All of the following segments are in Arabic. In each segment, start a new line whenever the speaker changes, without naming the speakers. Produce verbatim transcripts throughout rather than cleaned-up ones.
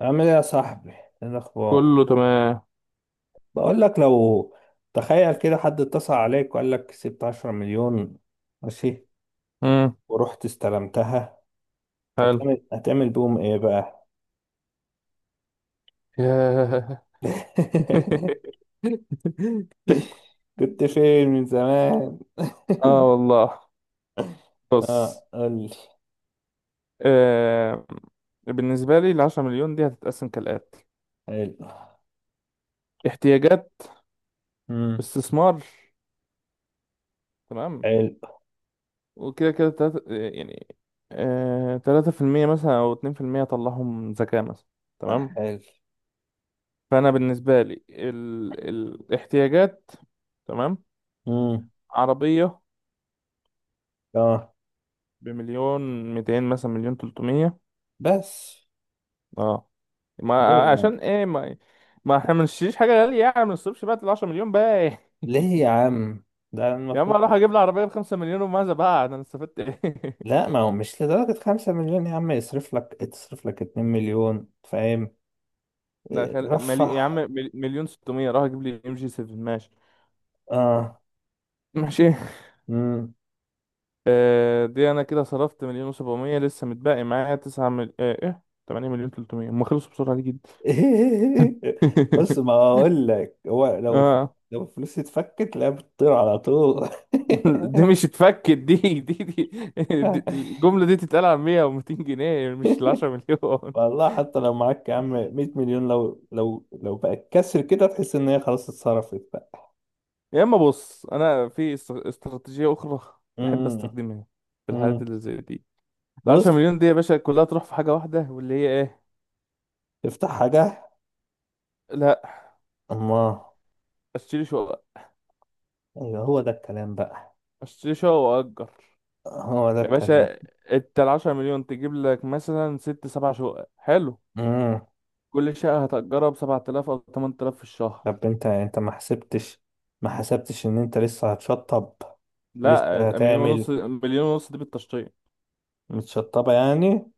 عامل ايه يا صاحبي؟ ايه الاخبار؟
كله تمام.
بقول لك لو تخيل كده حد اتصل عليك وقال لك كسبت 10 مليون، ماشي.
امم.
ورحت استلمتها.
حلو.
هتعمل هتعمل بيهم ايه بقى؟
ياه.
كنت فين من زمان؟
اه والله. بص.
اه، قول لي.
آه. بالنسبة لي العشرة مليون دي هتتقسم كالآتي:
حلو.
احتياجات،
امم.
استثمار، تمام.
حلو.
وكده كده تلاتة، يعني. آه، تلاتة في المية مثلا أو اتنين في المية أطلعهم زكاة مثلا. تمام.
حلو.
فأنا بالنسبة لي ال... الاحتياجات، تمام.
امم.
عربية
اه،
بمليون ميتين مثلا، مليون تلتمية.
بس
اه.
ليه
ما
يعني؟
عشان ايه، ما ما احنا ما نشتريش حاجه غاليه، يعني ما نصرفش بقى ال عشرة مليون بقى.
ليه يا عم؟ ده
يا عم،
المفروض.
اروح اجيب لي عربيه ب خمسة مليون، وماذا بقى؟ انا استفدت ايه؟
لا، ما هو مش لدرجة خمسة مليون يا عم، يصرف لك تصرف لك اتنين مليون، فاهم.
ده خل... ملي... يا عم
رفح.
مل- مليون ستمية، راح اجيب لي ام جي سبعة، ماشي.
اه.
ماشي.
امم.
آه، دي انا كده صرفت مليون و700. لسه متبقي معايا تسعة مل... آه ايه، تمانية مليون تلتمية. هم خلصوا بسرعه دي جدا.
بص، ما اقول لك هو لو الف-
اه.
لو الفلوس اتفكت لا بتطير على طول.
دي مش اتفكت. دي دي دي, دي الجمله دي تتقال على مية و200 جنيه، مش ال عشرة مليون.
والله حتى لو معاك يا عم 100 مليون، لو لو لو بقت كسر كده تحس ان هي خلاص اتصرفت بقى.
يا اما، بص، انا في است- استراتيجيه اخرى بحب
امم.
استخدمها في الحالات
امم.
اللي زي دي. ال عشرة
بص،
مليون دي يا باشا، كلها تروح في حاجه واحده، واللي هي ايه؟
افتح حاجه.
لا.
اما.
اشتري شقه.
ايوه، هو ده الكلام بقى.
اشتري شقه واجر.
هو ده
يا
الكلام.
باشا، انت ال عشرة مليون تجيب لك مثلا ست سبع شقق، حلو. كل شقه هتأجرها ب سبعة آلاف او تمانية آلاف في الشهر.
طب انت انت ما حسبتش، ما حسبتش ان انت لسه هتشطب؟ ولسه
لا، مليون
هتعمل.
ونص مليون ونص دي بالتشطيب.
متشطبة يعني.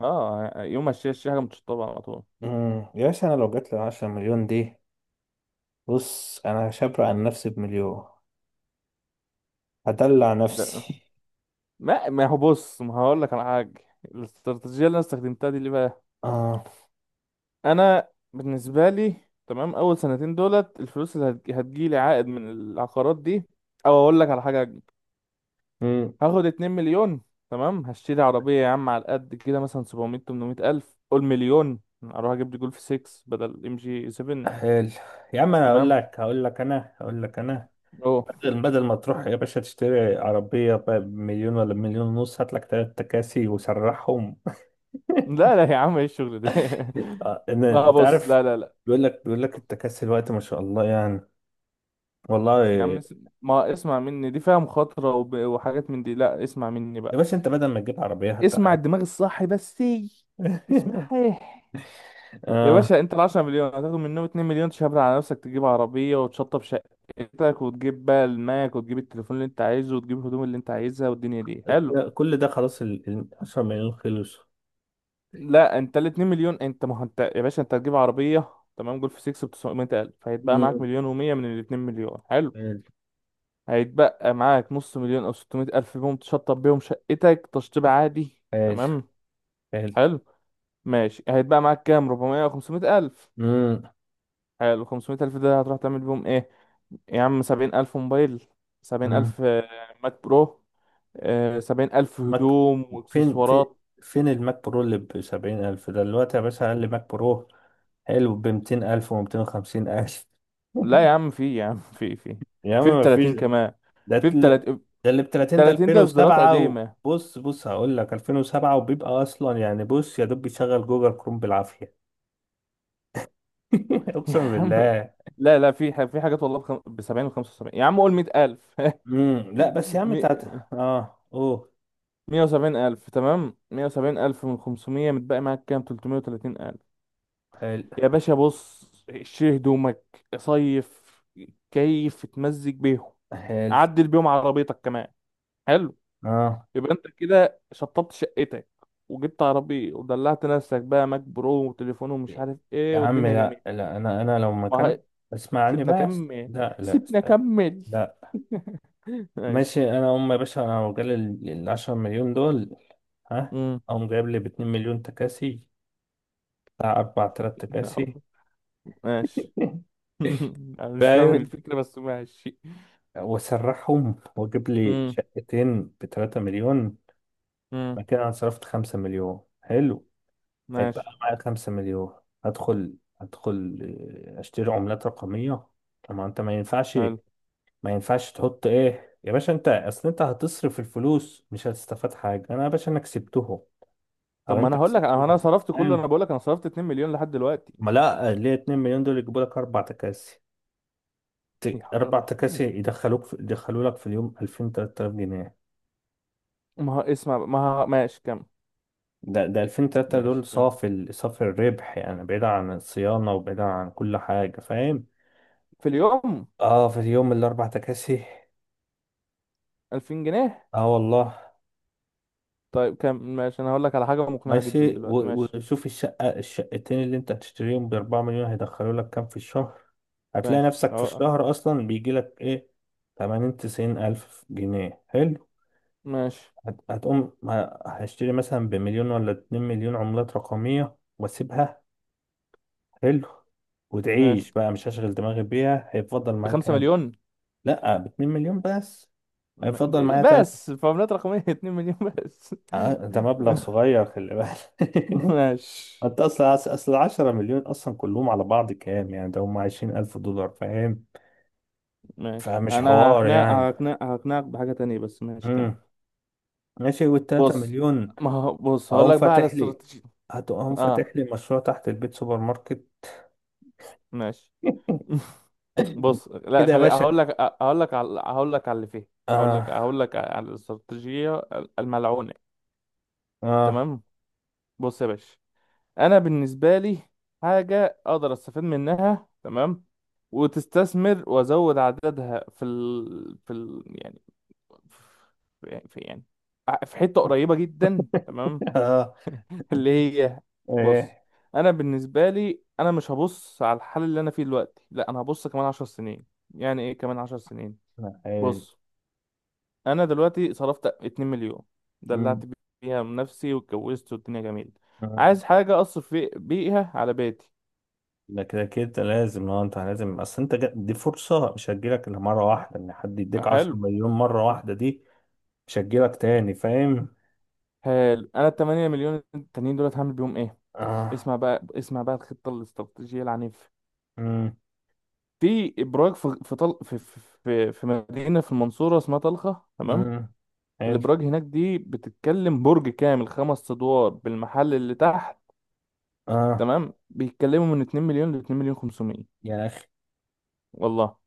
اه، يوم ما اشتري اشتري حاجه متشطبه على طول.
امم. يا باشا انا لو جات لي 10 مليون دي، بص انا هشبر عن نفسي بمليون. هدلع
ده،
نفسي.
ما ما هو بص، ما هقول لك على حاجه. الاستراتيجيه اللي انا استخدمتها دي ليه بقى؟
اه.
انا بالنسبه لي، تمام، اول سنتين دولت الفلوس اللي هتج- هتجيلي عائد من العقارات دي، او اقول لك على حاجه:
امم.
هاخد اتنين مليون. تمام، هشتري عربيه يا عم على قد كده، مثلا سبعمية، تمنمية الف، قول مليون، اروح اجيب لي جولف ستة بدل ام جي سبعة.
حلو. يا عم، انا هقول
تمام.
لك هقول لك انا هقول لك انا
اوه.
بدل بدل ما تروح يا باشا تشتري عربية ب- بمليون ولا بمليون ونص، هات لك تلات تكاسي وسرحهم.
لا لا يا عم، ايه الشغل ده؟
آه، إن-
لا
انت
بص،
عارف،
لا لا لا.
بيقول لك بيقول لك التكاسي الوقت ما شاء الله يعني.
يا عم
والله.
اس- ما اسمع مني، دي فيها مخاطره وب- وحاجات من دي، لا، اسمع مني
يا
بقى.
باشا انت بدل ما تجيب عربية حتى.
اسمع الدماغ الصاحي بس. اسمعها. يا
آه.
باشا، انت ال عشرة مليون هتاخد منهم اتنين مليون، تشبر على نفسك، تجيب عربية وتشطب شقتك وتجيب بقى الماك وتجيب التليفون اللي انت عايزه وتجيب الهدوم اللي انت عايزها والدنيا دي، حلو.
كل ده خلاص، ال ال- 10 مليون خلص.
لا، انت ال اتنين مليون انت، ما هو انت يا باشا، انت هتجيب عربية. تمام، جولف ستة ب تسعمية ألف، فهيتبقى معاك
مم.
مليون و100 من ال اتنين مليون، حلو.
حلو.
هيتبقى معاك نص مليون او ستمية ألف بيهم، تشطب بيهم شقتك تشطيب عادي،
حلو.
تمام.
حلو.
حلو. ماشي. هيتبقى معاك كام؟ اربعمية او خمسمية ألف.
مم.
حلو، خمسمية ألف ده هتروح تعمل بيهم ايه؟ يا عم، سبعين ألف موبايل، سبعين
مم.
ألف آه، ماك برو، آه، سبعين ألف
ماك.
هدوم
فين في
واكسسوارات.
فين الماك برو اللي ب سبعين ألف ده دلوقتي يا باشا؟ أقل ماك برو حلو ب ميتين ألف و ميتين وخمسين ألف.
لا يا عم في، يا عم في في.
يا عم
في
ما فيش.
بتلاتين كمان.
ده
في
تل-
بتلاتين.
ده اللي ب تلاتين ده
تلاتين ده إصدارات
ألفين وسبعة، وبص،
قديمة.
بص بص هقول لك ألفين وسبعة وبيبقى أصلا يعني، بص، يا دوب بيشغل جوجل كروم بالعافية.
يا
اقسم
عم
بالله.
لا لا، في ح- في حاجات، والله، بخم... بسبعين وخمسة وسبعين، يا عم قول مية ألف.
امم. لا بس يا عم
مي-
تاتا اه اوه.
مية وسبعين ألف، تمام، مية وسبعين ألف من خمسمية، متبقي معاك كام؟ تلتمية وتلاتين ألف.
حلو.
يا باشا بص، شيل هدومك، صيف، كيف تمزج بيهم،
حلو.
عدل بيهم عربيتك كمان. حلو.
اه.
يبقى انت كده شطبت شقتك وجبت عربية ودلعت نفسك بقى ماك برو وتليفون ومش عارف
يا
ايه،
عم،
والدنيا
لا
جميلة.
لا، انا انا لو
ما هي-
مكانك اسمعني
سيبنا
بس،
كمل.
لا لا،
سيبنا
استنى.
كمل.
لا.
ماشي.
ماشي. انا ام يا باشا، انا لو جالي ال ال 10 مليون دول، ها،
امم.
اقوم جايب لي ب 2 مليون تكاسي بتاع اربعة الاف تاكسي تكاسي.
ماشي. انا مش فاهم ايه
فاهم؟
الفكرة بس ماشي.
واسرحهم واجيب لي
امم.
شقتين ب 3 مليون،
امم.
مكان انا صرفت 5 مليون، حلو. هيبقى
ماشي.
معايا خمسة مليون. هدخل هدخل آه، اشتري عملات رقمية. طب ما انت، ما ينفعش،
حلو.
ما ينفعش تحط ايه يا باشا، انت اصل انت هتصرف الفلوس مش هتستفاد حاجة. انا يا باشا انا كسبتهم
طب،
او
ما انا
انت
هقول لك انا
كسبتهم،
صرفت كله،
فاهم.
انا بقول لك انا صرفت اتنين مليون لحد دلوقتي.
ما لا، ليه 2 مليون دول يجيبوا لك اربع تكاسي،
يا
ت-
حول ولا
اربع
قوة.
تكاسي يدخلوك في... يدخلوا لك في اليوم ألفين تلات تلاف جنيه.
ما هو اسمع بقى، ما هو ماشي. كم؟
ده ده ألفين ثلاثة آلاف
ماشي،
دول
كم
صافي ال... صافي الربح يعني، بعيد عن الصيانة وبعيد عن كل حاجة، فاهم؟
في اليوم؟
اه في يوم الاربع تكاسي.
الفين جنيه.
اه والله.
طيب كم؟ ماشي، انا هقول لك على حاجه مقنعه جدا
ماشي،
دلوقتي.
و-
ماشي.
وشوف الشقة الشقتين اللي انت هتشتريهم بأربعة مليون هيدخلوا لك كام في الشهر. هتلاقي
ماشي
نفسك في
أهو.
الشهر أصلا بيجي لك إيه، تمانين تسعين ألف جنيه، حلو.
ماشي.
هت- هتقوم ه- هشتري مثلا بمليون ولا اتنين مليون عملات رقمية وأسيبها. حلو.
ماشي
وتعيش بقى، مش هشغل دماغي بيها. هيفضل معايا
بخمسة
كام؟
مليون.
لأ باتنين مليون بس. هيفضل
م-
معايا تلات.
بس فورمولات رقميه، اتنين مليون بس.
آه، ده مبلغ صغير، خلي بالك.
ماشي.
انت اصلا اصل 10 مليون اصلا كلهم على بعض كام يعني، ده هم عشرين ألف الف دولار، فاهم.
ماشي،
فمش
انا
حوار
هقنع
يعني.
هقنع هقنعك بحاجه تانية بس، ماشي كمل.
امم. ماشي. وال 3
بص،
مليون؟
ما هو بص، هقول
اقوم
لك بقى على
فاتح لي
استراتيجيه.
هتقوم
اه.
فاتح لي مشروع تحت البيت، سوبر ماركت.
ماشي. بص لا،
كده يا
خلي
باشا.
هقول لك هقول لك على هقول لك على اللي فيه. هقول لك
اه.
هقول لك على الاستراتيجيه الملعونه.
اه.
تمام. بص يا باشا، انا بالنسبه لي، حاجه اقدر استفاد منها، تمام، وتستثمر وازود عددها في ال... في ال... يعني في في- يعني في حته قريبه جدا، تمام.
اه.
اللي هي، بص،
ايه.
انا بالنسبه لي، انا مش هبص على الحال اللي انا فيه دلوقتي، لا، انا هبص كمان عشر سنين. يعني ايه كمان عشر سنين؟
لا، حلو.
بص، انا دلوقتي صرفت اتنين مليون، دلعت
أمم.
بيها من نفسي واتجوزت والدنيا جميله.
آه.
عايز حاجه اصرف في- بيها على بيتي،
ده كده كده لازم، اه انت لازم، اصل انت جا- دي فرصة مش هتجيلك الا مرة واحدة، ان حد يديك 10
حلو.
مليون مرة واحدة دي مش هتجيلك تاني، فاهم.
حلو، انا ال تمانية مليون التانيين دولت هعمل بيهم ايه؟
اه.
اسمع بقى، اسمع بقى الخطه الاستراتيجيه العنيفه.
مم.
في ابراج في في طل... في في في في مدينه في المنصوره اسمها طلخه، تمام.
امم. حلو.
الابراج هناك دي بتتكلم برج كامل، خمس ادوار بالمحل اللي تحت،
اه.
تمام. بيتكلموا من اتنين مليون ل اتنين مليون خمسمية.
يا اخي.
والله.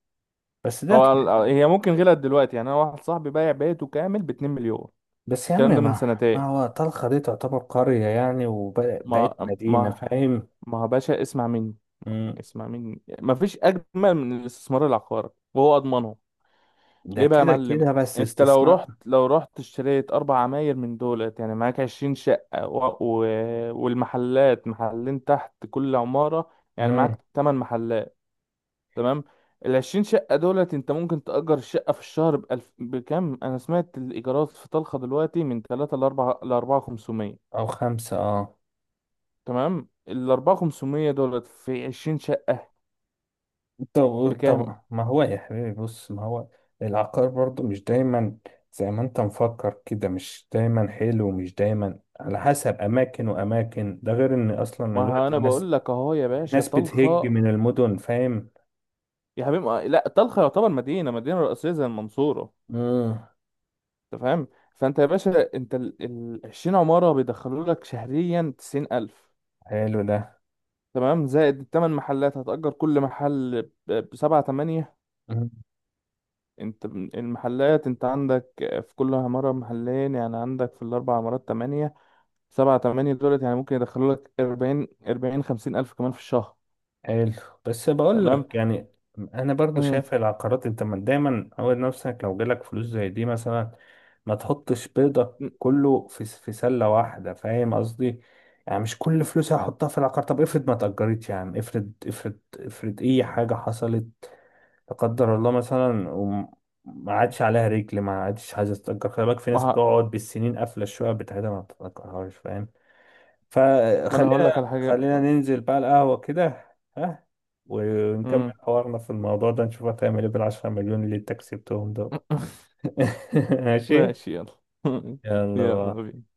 بس ده.
هو ال- هي ممكن غلت دلوقتي يعني، انا واحد صاحبي بايع بيته كامل ب اتنين مليون.
بس يا عم،
الكلام ده من
ما
سنتين.
ما هو طلخة دي تعتبر قرية يعني وبقت
ما
مدينة،
ما
فاهم.
ما، يا باشا، اسمع مني.
امم.
اسمع مني، مفيش اجمل من الاستثمار العقاري، وهو اضمنه.
ده
ليه بقى يا
كده
معلم؟
كده بس
انت لو
استثمار.
رحت لو رحت اشتريت اربع عماير من دولت، يعني معاك عشرين شقة و... و... والمحلات، محلين تحت كل عمارة، يعني
امم.
معاك تمن محلات. تمام. العشرين شقة دولت انت ممكن تأجر الشقة في الشهر بألف... بكام؟ انا سمعت الايجارات في طلخة دلوقتي من تلاتة لأربعة، لأربعة خمسمية.
او خمسة اه.
تمام، الأربعة خمسمية دولت في عشرين شقة
طب
بكام؟
طب ما هو يا حبيبي، بص ما هو العقار برضو مش دايما زي ما انت مفكر كده، مش دايما حلو ومش دايما على حسب اماكن واماكن، ده غير ان اصلا
ما، ها،
الوقت
انا
الناس،
بقول لك اهو، يا باشا
الناس بتهج
طلخه.
من المدن، فاهم.
يا حبيبي ما- لا، طلخه يعتبر مدينه مدينه رئيسيه زي المنصوره.
امم.
انت فاهم. فانت يا باشا، انت ال ال- عشرين عماره بيدخلوا لك شهريا تسعين ألف،
حلو ده.
تمام. زائد الثمان محلات، هتأجر كل محل ب سبعة، تمانية.
مم.
انت ب- المحلات، انت عندك في كل عماره محلين، يعني عندك في الاربع عمارات تمانية، سبعة، تمانية دولت، يعني ممكن يدخلوا لك اربعين، اربعين، خمسين ألف كمان في الشهر.
حلو. بس بقول
تمام.
لك يعني، انا برضو
مم.
شايف العقارات. انت ما- دايما عود نفسك لو جالك فلوس زي دي مثلا، ما تحطش بيضك كله في س- في سلة واحدة، فاهم قصدي. يعني مش كل فلوسي هحطها في العقار. طب افرض ما اتأجرتش يا عم، افرض افرض افرض اي حاجة حصلت، لا قدر الله، مثلا وما عادش عليها رجل، ما عادش عايزة تتأجر. خلي بالك في
ما
ناس
ه-
بتقعد بالسنين قافلة الشقة بتاعتها ما بتتأجرهاش، فاهم؟
ما انا هقول لك على
فخلينا،
حاجه.
خلينا ننزل بقى القهوة كده. ها. ونكمل حوارنا في الموضوع ده نشوف هتعمل ايه بالعشرة مليون اللي انت كسبتهم دول. ماشي.
ماشي يلا.
يلا بقى.
يلا بينا.